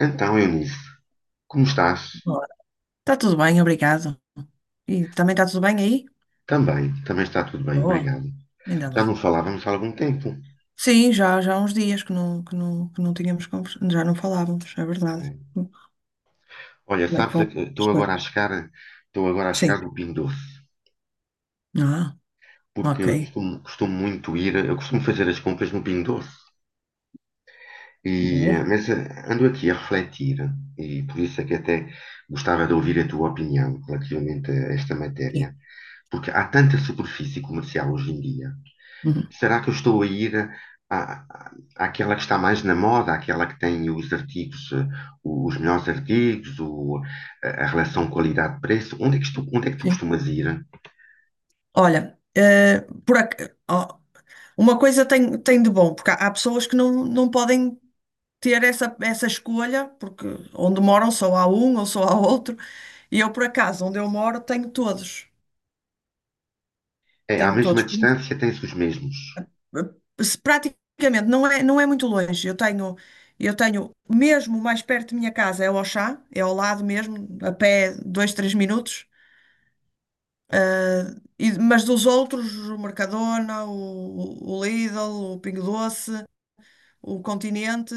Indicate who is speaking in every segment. Speaker 1: Então, Eunice, como estás?
Speaker 2: Olá. Está tudo bem, obrigado. E também está tudo bem aí?
Speaker 1: Também, está tudo bem,
Speaker 2: Boa,
Speaker 1: obrigado.
Speaker 2: ainda
Speaker 1: Já não
Speaker 2: bem.
Speaker 1: falávamos há algum tempo.
Speaker 2: Sim, já há uns dias que não tínhamos conversado, já não falávamos, é verdade. Como
Speaker 1: Olha,
Speaker 2: é que
Speaker 1: sabes,
Speaker 2: vão
Speaker 1: estou
Speaker 2: as
Speaker 1: agora a
Speaker 2: coisas?
Speaker 1: chegar, estou agora a chegar
Speaker 2: Sim.
Speaker 1: no Pingo Doce,
Speaker 2: Ah,
Speaker 1: porque
Speaker 2: ok.
Speaker 1: eu costumo muito ir, eu costumo fazer as compras no Pingo Doce. E,
Speaker 2: Boa.
Speaker 1: mas ando aqui a refletir, e por isso é que até gostava de ouvir a tua opinião relativamente a esta
Speaker 2: Sim.
Speaker 1: matéria, porque há tanta superfície comercial hoje em dia.
Speaker 2: Uhum.
Speaker 1: Será que eu estou a ir à, à- àquela que está mais na moda, àquela que tem os artigos, os melhores artigos, a relação qualidade-preço? Onde é que estou, onde é que tu
Speaker 2: Sim.
Speaker 1: costumas ir?
Speaker 2: Olha, ó, uma coisa tem de bom, porque há pessoas que não podem ter essa escolha, porque onde moram só há um ou só há outro, e eu, por acaso, onde eu moro, tenho todos.
Speaker 1: É, à
Speaker 2: Tenho
Speaker 1: mesma
Speaker 2: todos.
Speaker 1: distância tens os mesmos.
Speaker 2: Se praticamente não é muito longe. Eu tenho mesmo mais perto de minha casa é o Auchan, é ao lado mesmo, a pé 2, 3 minutos. Ah, mas dos outros, o Mercadona, o Lidl, o Pingo Doce, o Continente,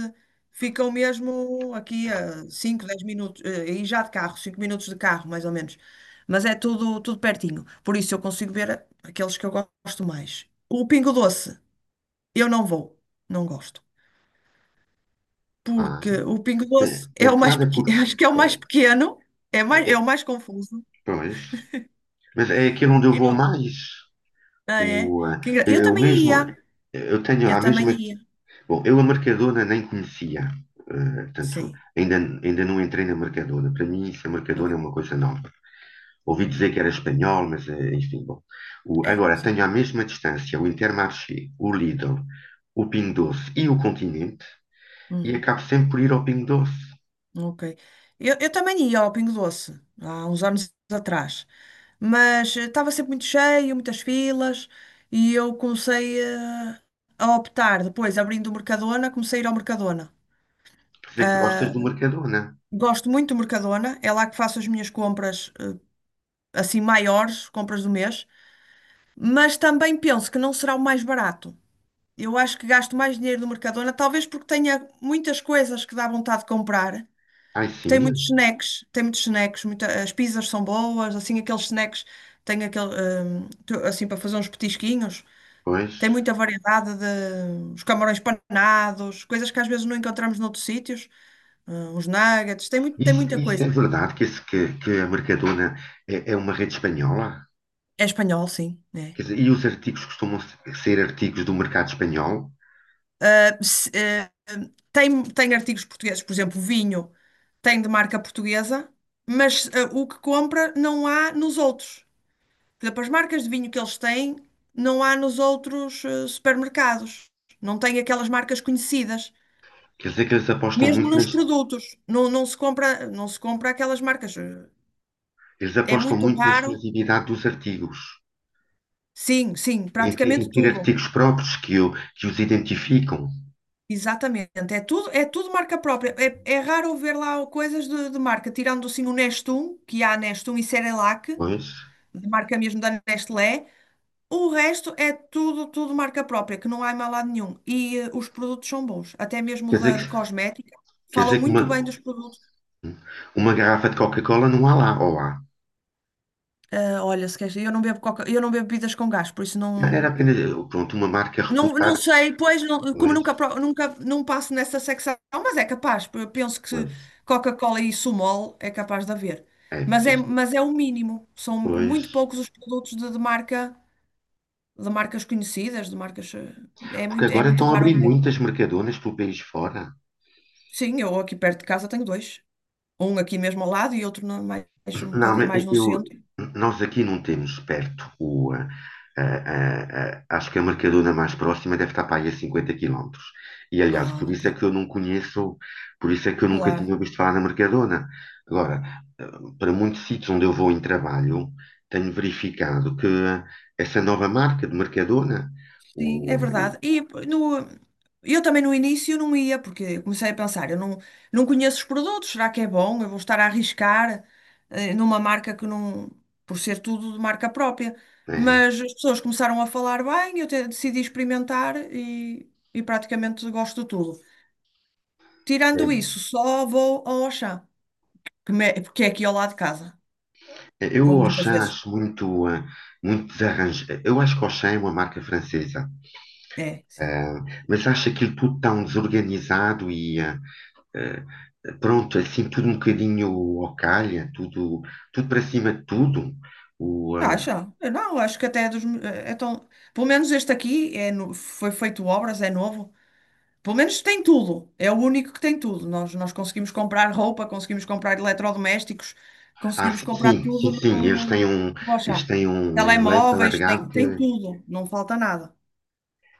Speaker 2: ficam mesmo aqui a 5, 10 minutos, e já de carro, 5 minutos de carro, mais ou menos. Mas é tudo, tudo pertinho. Por isso eu consigo ver aqueles que eu gosto mais. O Pingo Doce, eu não vou, não gosto.
Speaker 1: Ah,
Speaker 2: Porque o Pingo
Speaker 1: tem,
Speaker 2: Doce é
Speaker 1: tem
Speaker 2: o mais
Speaker 1: piada
Speaker 2: pequeno,
Speaker 1: porque.
Speaker 2: acho que é o mais
Speaker 1: eh,
Speaker 2: pequeno, é o
Speaker 1: é-
Speaker 2: mais confuso.
Speaker 1: Pois. Mas é aquele onde eu
Speaker 2: E
Speaker 1: vou
Speaker 2: não,
Speaker 1: mais.
Speaker 2: ah, é?
Speaker 1: O, eh,
Speaker 2: Eu
Speaker 1: eu
Speaker 2: também
Speaker 1: mesmo.
Speaker 2: ia,
Speaker 1: Eu tenho
Speaker 2: eu
Speaker 1: a
Speaker 2: também
Speaker 1: mesma.
Speaker 2: ia.
Speaker 1: Bom, eu a Mercadona nem conhecia, portanto,
Speaker 2: Sim,
Speaker 1: ainda, ainda não entrei na Mercadona. Para mim, isso, a Mercadona
Speaker 2: ok.
Speaker 1: é uma coisa nova. Ouvi dizer que era espanhol, mas enfim, bom.
Speaker 2: É,
Speaker 1: Agora,
Speaker 2: sim.
Speaker 1: tenho à mesma distância o Intermarché, o Lidl, o Pingo Doce e o Continente e
Speaker 2: Uhum,
Speaker 1: acabo sempre por ir ao Pingo Doce.
Speaker 2: ok. Eu também ia ao Pingo Doce, há uns anos atrás, mas estava sempre muito cheio, muitas filas, e eu comecei a optar, depois abrindo o Mercadona, comecei a ir ao Mercadona.
Speaker 1: Quer dizer que gostas
Speaker 2: Ah,
Speaker 1: do Mercadona.
Speaker 2: gosto muito do Mercadona, é lá que faço as minhas compras assim maiores, compras do mês, mas também penso que não será o mais barato. Eu acho que gasto mais dinheiro no Mercadona, talvez porque tenha muitas coisas que dá vontade de comprar.
Speaker 1: Ai, sim, é.
Speaker 2: Tem muitos snacks, as pizzas são boas, assim aqueles snacks, tem aquele, assim para fazer uns petisquinhos. Tem
Speaker 1: Pois.
Speaker 2: muita variedade de os camarões panados, coisas que às vezes não encontramos noutros sítios, os nuggets, tem muito, tem
Speaker 1: Isso,
Speaker 2: muita
Speaker 1: isso
Speaker 2: coisa.
Speaker 1: é verdade que, que a Mercadona é uma rede espanhola?
Speaker 2: É espanhol, sim, né?
Speaker 1: Quer dizer, e os artigos costumam ser artigos do mercado espanhol?
Speaker 2: se- eh, tem artigos portugueses, por exemplo, vinho tem de marca portuguesa, mas o que compra não há nos outros. Por exemplo, as marcas de vinho que eles têm não há nos outros supermercados. Não tem aquelas marcas conhecidas.
Speaker 1: Quer dizer que
Speaker 2: Mesmo nos produtos, não se compra aquelas marcas.
Speaker 1: eles
Speaker 2: É
Speaker 1: apostam
Speaker 2: muito
Speaker 1: muito na
Speaker 2: raro.
Speaker 1: exclusividade dos artigos,
Speaker 2: Sim, sim,
Speaker 1: em
Speaker 2: praticamente
Speaker 1: ter
Speaker 2: tudo.
Speaker 1: artigos próprios que os identificam.
Speaker 2: Exatamente, é tudo marca própria. É raro ver lá coisas de marca, tirando assim o Nestum, que há Nestum e Cerelac,
Speaker 1: Pois,
Speaker 2: de marca mesmo da Nestlé. O resto é tudo, tudo marca própria, que não há em mais lado nenhum. E os produtos são bons, até mesmo
Speaker 1: quer dizer
Speaker 2: de
Speaker 1: que,
Speaker 2: cosmética.
Speaker 1: quer
Speaker 2: Falam
Speaker 1: dizer que
Speaker 2: muito bem
Speaker 1: uma,
Speaker 2: dos produtos.
Speaker 1: uma garrafa de Coca-Cola não há lá, ou há.
Speaker 2: Ah, olha, se queres, eu não bebo coca, eu não bebo bebidas com gás, por isso
Speaker 1: Era
Speaker 2: não.
Speaker 1: apenas, pronto, uma marca
Speaker 2: Não, não
Speaker 1: reputada.
Speaker 2: sei, pois, como
Speaker 1: Pois,
Speaker 2: nunca, nunca não passo nessa secção, mas é capaz, eu penso que
Speaker 1: pois,
Speaker 2: Coca-Cola e Sumol é capaz de haver.
Speaker 1: é,
Speaker 2: Mas
Speaker 1: porque
Speaker 2: é, mas é o mínimo, são muito
Speaker 1: pois.
Speaker 2: poucos os produtos de marca, de marcas conhecidas, de marcas, é
Speaker 1: Porque
Speaker 2: muito, é
Speaker 1: agora
Speaker 2: muito
Speaker 1: estão a
Speaker 2: raro
Speaker 1: abrir
Speaker 2: ver.
Speaker 1: muitas mercadonas pelo país fora.
Speaker 2: Sim, eu aqui perto de casa tenho dois, um aqui mesmo ao lado e outro mais um
Speaker 1: Não,
Speaker 2: bocadinho
Speaker 1: mas
Speaker 2: mais no
Speaker 1: eu,
Speaker 2: centro.
Speaker 1: nós aqui não temos perto o. ah, ah, ah, ah, acho que a Mercadona mais próxima deve estar para aí a 50 quilómetros. E aliás,
Speaker 2: Ah,
Speaker 1: por
Speaker 2: ok.
Speaker 1: isso é que eu não conheço, por isso é que eu nunca tinha
Speaker 2: Claro.
Speaker 1: ouvido falar na Mercadona. Agora, para muitos sítios onde eu vou em trabalho, tenho verificado que essa nova marca de Mercadona.
Speaker 2: Sim, é
Speaker 1: O,
Speaker 2: verdade. E no, eu também no início não ia, porque comecei a pensar, eu não conheço os produtos, será que é bom? Eu vou estar a arriscar numa marca que não, por ser tudo de marca própria.
Speaker 1: é,
Speaker 2: Mas as pessoas começaram a falar bem, eu decidi experimentar e praticamente gosto de tudo.
Speaker 1: é
Speaker 2: Tirando isso, só vou ao Auchan, porque é aqui ao lado de casa.
Speaker 1: Eu
Speaker 2: Vou
Speaker 1: o
Speaker 2: muitas
Speaker 1: Auchan
Speaker 2: vezes.
Speaker 1: acho muito, muito desarranjado. Eu acho que o Auchan é uma marca francesa,
Speaker 2: É, sim.
Speaker 1: ah, mas acho aquilo tudo tão desorganizado e ah, pronto, assim, tudo um bocadinho ao calha, tudo para cima de tudo. O, ah,
Speaker 2: Acha? Eu não, acho que até é dos. É tão. Pelo menos este aqui foi feito obras, é novo. Pelo menos tem tudo. É o único que tem tudo. Nós conseguimos comprar roupa, conseguimos comprar eletrodomésticos, conseguimos
Speaker 1: sim,
Speaker 2: comprar
Speaker 1: sim,
Speaker 2: tudo
Speaker 1: sim, sim,
Speaker 2: no,
Speaker 1: eles
Speaker 2: no,
Speaker 1: têm
Speaker 2: no,
Speaker 1: um,
Speaker 2: no
Speaker 1: eles
Speaker 2: Auchan.
Speaker 1: têm um um leque
Speaker 2: Telemóveis, tem
Speaker 1: alargado.
Speaker 2: tudo. Não falta nada.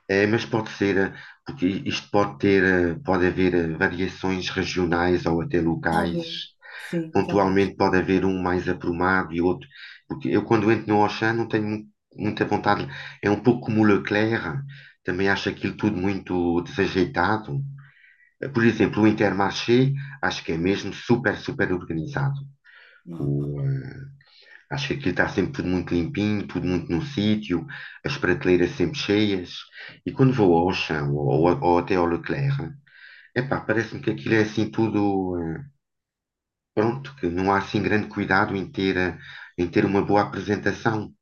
Speaker 1: É, mas pode ser, porque isto pode ter, pode haver variações regionais ou até locais.
Speaker 2: Talvez. Sim, talvez.
Speaker 1: Pontualmente pode haver um mais aprumado e outro. Porque eu quando entro no Auchan não tenho muita vontade. É um pouco como o Leclerc, também acho aquilo tudo muito desajeitado. Por exemplo, o Intermarché acho que é mesmo super, super organizado.
Speaker 2: Não, não.
Speaker 1: Acho que aquilo está sempre tudo muito limpinho, tudo muito no sítio, as prateleiras sempre cheias. E quando vou ao Auchan ou- até ao Leclerc, epá, parece-me que aquilo é assim tudo, pronto, que não há assim grande cuidado em ter uma boa apresentação.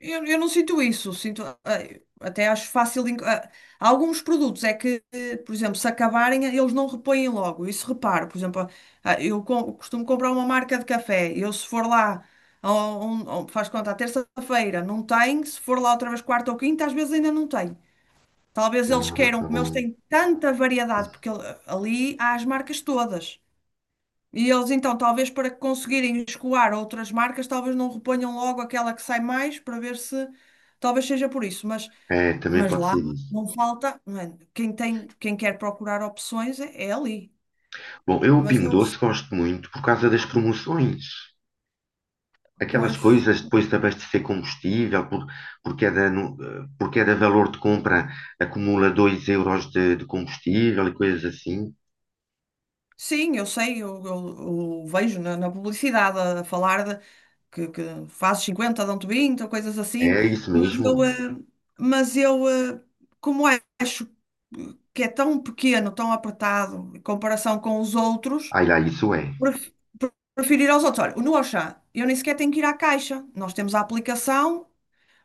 Speaker 2: Eu não sinto isso, sinto, até acho fácil. Há alguns produtos é que, por exemplo, se acabarem, eles não repõem logo. Isso reparo, por exemplo, eu costumo comprar uma marca de café. Eu, se for lá, faz conta, à terça-feira não tem, se for lá outra vez quarta ou quinta, às vezes ainda não tem. Talvez eles
Speaker 1: Ah,
Speaker 2: queiram,
Speaker 1: está
Speaker 2: como eles
Speaker 1: bem.
Speaker 2: têm tanta variedade, porque ali há as marcas todas. E eles então, talvez para conseguirem escoar outras marcas, talvez não reponham logo aquela que sai mais para ver se talvez seja por isso, mas,
Speaker 1: É, também
Speaker 2: mas
Speaker 1: pode
Speaker 2: lá
Speaker 1: ser isso.
Speaker 2: não falta, não é? Quem tem, quem quer procurar opções é ali.
Speaker 1: Bom, eu o
Speaker 2: Mas
Speaker 1: Pingo
Speaker 2: eu,
Speaker 1: Doce gosto muito por causa das promoções. Aquelas
Speaker 2: pois,
Speaker 1: coisas depois de abastecer combustível, por, cada, nu- por cada valor de compra acumula 2 euros de combustível e coisas assim.
Speaker 2: sim, eu sei, eu vejo na publicidade a falar que fazes 50, dão-te 20, ou coisas assim,
Speaker 1: É isso
Speaker 2: mas eu,
Speaker 1: mesmo?
Speaker 2: eh, mas eu, como acho que é tão pequeno, tão apertado em comparação com os outros,
Speaker 1: Ai lá, isso é.
Speaker 2: pref- prefiro ir aos outros. Olha, no Auchan, eu nem sequer tenho que ir à caixa. Nós temos a aplicação,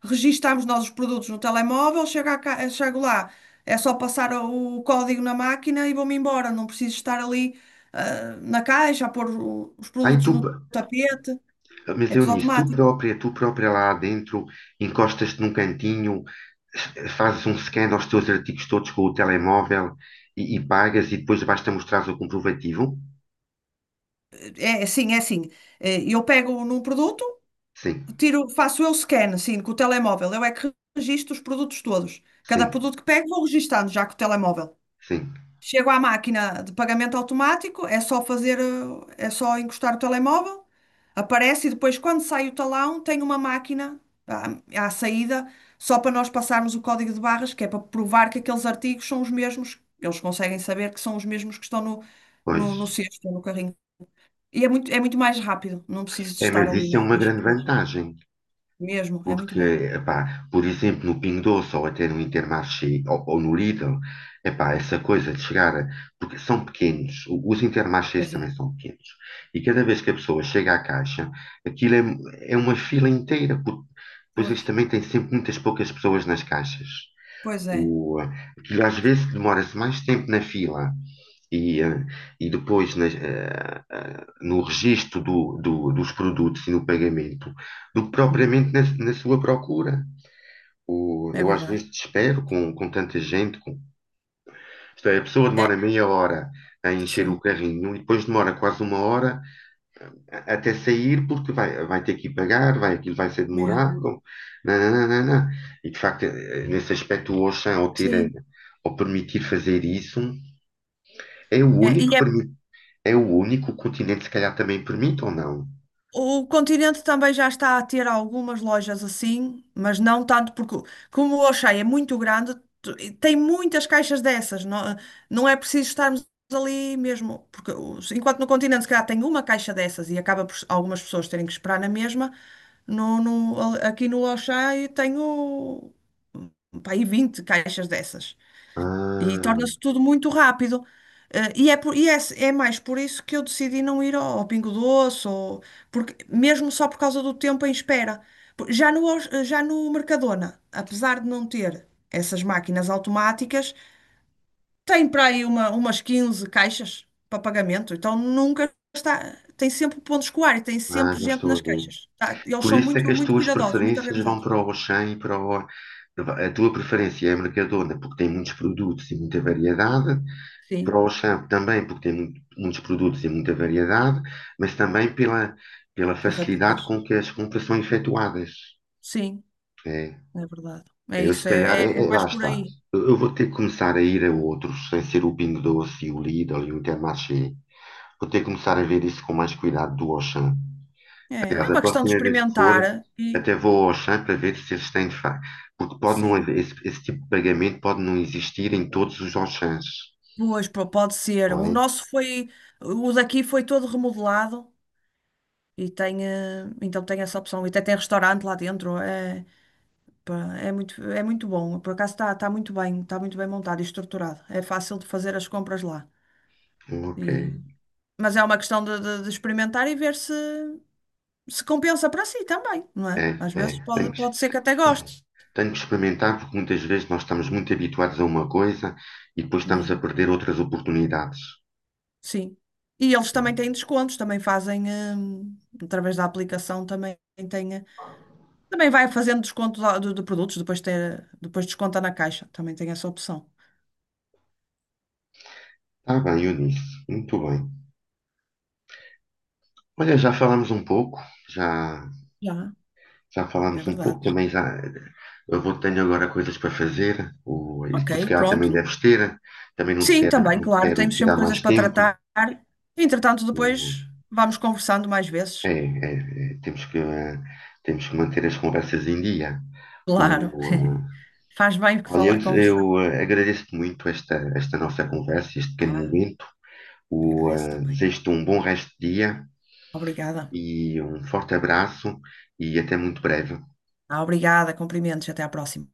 Speaker 2: registamos nós os produtos no telemóvel, chego, à ca- eh, chego lá, é só passar o código na máquina e vou-me embora. Não preciso estar ali, na caixa a pôr os
Speaker 1: Ai,
Speaker 2: produtos
Speaker 1: tu,
Speaker 2: no tapete.
Speaker 1: mas
Speaker 2: É
Speaker 1: eu
Speaker 2: tudo
Speaker 1: nisso, tu
Speaker 2: automático.
Speaker 1: própria, tu própria lá dentro, encostas-te num cantinho, fazes um scan aos teus artigos todos com o telemóvel e pagas e depois basta mostrar o comprovativo?
Speaker 2: É assim, é assim. Eu pego num produto,
Speaker 1: Sim,
Speaker 2: tiro, faço eu scan, sim, com o telemóvel. Eu é que registro os produtos todos. Cada
Speaker 1: sim,
Speaker 2: produto que pego, vou registando já com o telemóvel.
Speaker 1: sim,
Speaker 2: Chego à máquina de pagamento automático, é só encostar o telemóvel, aparece e depois, quando sai o talão, tem uma máquina à saída, só para nós passarmos o código de barras, que é para provar que aqueles artigos são os mesmos. Eles conseguem saber que são os mesmos que estão no
Speaker 1: pois.
Speaker 2: cesto, ou no carrinho. E é muito mais rápido, não preciso de
Speaker 1: É,
Speaker 2: estar
Speaker 1: mas
Speaker 2: ali
Speaker 1: isso é
Speaker 2: na-
Speaker 1: uma
Speaker 2: nas
Speaker 1: grande
Speaker 2: pessoas.
Speaker 1: vantagem.
Speaker 2: Mesmo, é muito
Speaker 1: Porque,
Speaker 2: bom.
Speaker 1: epá, por exemplo, no Pingo Doce ou até no Intermarché ou, no Lidl, epá, essa coisa de chegar, porque são pequenos, os Intermarchés
Speaker 2: Pois é.
Speaker 1: também são pequenos, e cada vez que a pessoa chega à caixa, aquilo é uma fila inteira, porque depois
Speaker 2: Pois,
Speaker 1: eles também têm sempre muitas poucas pessoas nas caixas.
Speaker 2: pois é.
Speaker 1: O, Aquilo às vezes demora-se mais tempo na fila e, eh, e depois no registro dos produtos e no pagamento, do que
Speaker 2: Hum,
Speaker 1: propriamente na sua procura.
Speaker 2: é
Speaker 1: Eu às
Speaker 2: verdade.
Speaker 1: vezes desespero com tanta gente. Isto é, a pessoa demora
Speaker 2: É,
Speaker 1: meia hora a encher o
Speaker 2: sim,
Speaker 1: carrinho e depois demora quase uma hora até sair porque vai ter que ir pagar, aquilo vai ser
Speaker 2: mesmo.
Speaker 1: demorado. Não, não, não, não, não. E de facto, nesse aspecto, o Auchan,
Speaker 2: Sim.
Speaker 1: ao permitir fazer isso, é o
Speaker 2: É, e
Speaker 1: único que
Speaker 2: é,
Speaker 1: permite. É o único Continente, se calhar, também permite ou não?
Speaker 2: O Continente também já está a ter algumas lojas assim, mas não tanto, porque como o Auchan é muito grande, e tem muitas caixas dessas, não é preciso estarmos ali mesmo, porque enquanto no Continente se calhar tem uma caixa dessas e acaba por algumas pessoas terem que esperar na mesma, aqui no Auchan eu tenho, pá, aí 20 caixas dessas. E torna-se
Speaker 1: Ah,
Speaker 2: tudo muito rápido. Eh, e é, por- e é, é mais por isso que eu decidi não ir ao, Pingo Doce, ou, porque, mesmo só por causa do tempo em espera. Já no Mercadona, apesar de não ter essas máquinas automáticas, tem para aí umas 15 caixas para pagamento. Então nunca está. Tem sempre o ponto de escoar e tem
Speaker 1: ah,
Speaker 2: sempre
Speaker 1: já
Speaker 2: gente
Speaker 1: estou a
Speaker 2: nas
Speaker 1: ver.
Speaker 2: caixas. Tá? Eles
Speaker 1: Por
Speaker 2: são
Speaker 1: isso é que
Speaker 2: muito,
Speaker 1: as
Speaker 2: muito
Speaker 1: tuas
Speaker 2: cuidadosos, muito
Speaker 1: preferências vão
Speaker 2: organizados.
Speaker 1: para o Auchan e para o. A tua preferência é a Mercadona, porque tem muitos produtos e muita variedade. Para o
Speaker 2: Sim,
Speaker 1: Auchan também, porque tem muitos produtos e muita variedade. Mas também pela
Speaker 2: pela
Speaker 1: facilidade
Speaker 2: rapidez.
Speaker 1: com que as compras são efetuadas.
Speaker 2: Sim,
Speaker 1: É.
Speaker 2: é verdade. É
Speaker 1: Eu, se
Speaker 2: isso, é
Speaker 1: calhar,
Speaker 2: é- é mais
Speaker 1: lá
Speaker 2: por
Speaker 1: está.
Speaker 2: aí.
Speaker 1: Eu vou ter que começar a ir a outros, sem ser o Pingo Doce, e o Lidl e o Intermarché. Vou ter que começar a ver isso com mais cuidado do Auchan.
Speaker 2: É,
Speaker 1: Aliás,
Speaker 2: é
Speaker 1: a
Speaker 2: uma questão de
Speaker 1: próxima vez que for,
Speaker 2: experimentar e
Speaker 1: até vou ao Auchan para ver se eles têm de facto. Porque pode não
Speaker 2: sim,
Speaker 1: haver, esse tipo de pagamento pode não existir em todos os Auchans,
Speaker 2: pois pô, pode ser.
Speaker 1: não
Speaker 2: O
Speaker 1: é?
Speaker 2: nosso foi, o daqui foi todo remodelado e então tem essa opção. E até tem restaurante lá dentro. É, pá, é muito bom. Por acaso está muito bem, está muito bem montado e estruturado. É fácil de fazer as compras lá.
Speaker 1: Ok.
Speaker 2: E- mas é uma questão de experimentar e ver se se compensa para si também, não é?
Speaker 1: É,
Speaker 2: Às vezes
Speaker 1: é. Tenho
Speaker 2: pode,
Speaker 1: que,
Speaker 2: pode ser que até goste.
Speaker 1: tenho que experimentar, porque muitas vezes nós estamos muito habituados a uma coisa e depois estamos a perder outras oportunidades.
Speaker 2: Sim. E eles também têm descontos, também fazem, hum, através da aplicação, também tem, também vai fazendo desconto lá de produtos, depois desconta na caixa, também tem essa opção.
Speaker 1: Tá bem, Eunice. Muito bem. Olha, já falamos um pouco, já,
Speaker 2: Já,
Speaker 1: já
Speaker 2: é
Speaker 1: falamos um
Speaker 2: verdade.
Speaker 1: pouco também, já eu vou tenho agora coisas para fazer, e tu se
Speaker 2: Ok,
Speaker 1: calhar também
Speaker 2: pronto.
Speaker 1: deves ter, também não te
Speaker 2: Sim,
Speaker 1: quero,
Speaker 2: também,
Speaker 1: não te
Speaker 2: claro,
Speaker 1: quero
Speaker 2: temos sempre
Speaker 1: tirar
Speaker 2: coisas
Speaker 1: mais
Speaker 2: para
Speaker 1: tempo.
Speaker 2: tratar. Entretanto,
Speaker 1: O,
Speaker 2: depois vamos conversando mais
Speaker 1: é,
Speaker 2: vezes.
Speaker 1: é, é, Temos que manter as conversas em dia.
Speaker 2: Claro.
Speaker 1: O, eh,
Speaker 2: Faz bem que
Speaker 1: Olha,
Speaker 2: falar, conversar.
Speaker 1: agradeço-te muito esta nossa conversa, este pequeno
Speaker 2: Ah,
Speaker 1: momento.
Speaker 2: agradeço também.
Speaker 1: Desejo-te um bom resto de dia.
Speaker 2: Obrigada.
Speaker 1: E um forte abraço e até muito breve.
Speaker 2: Ah, obrigada, cumprimentos, até à próxima.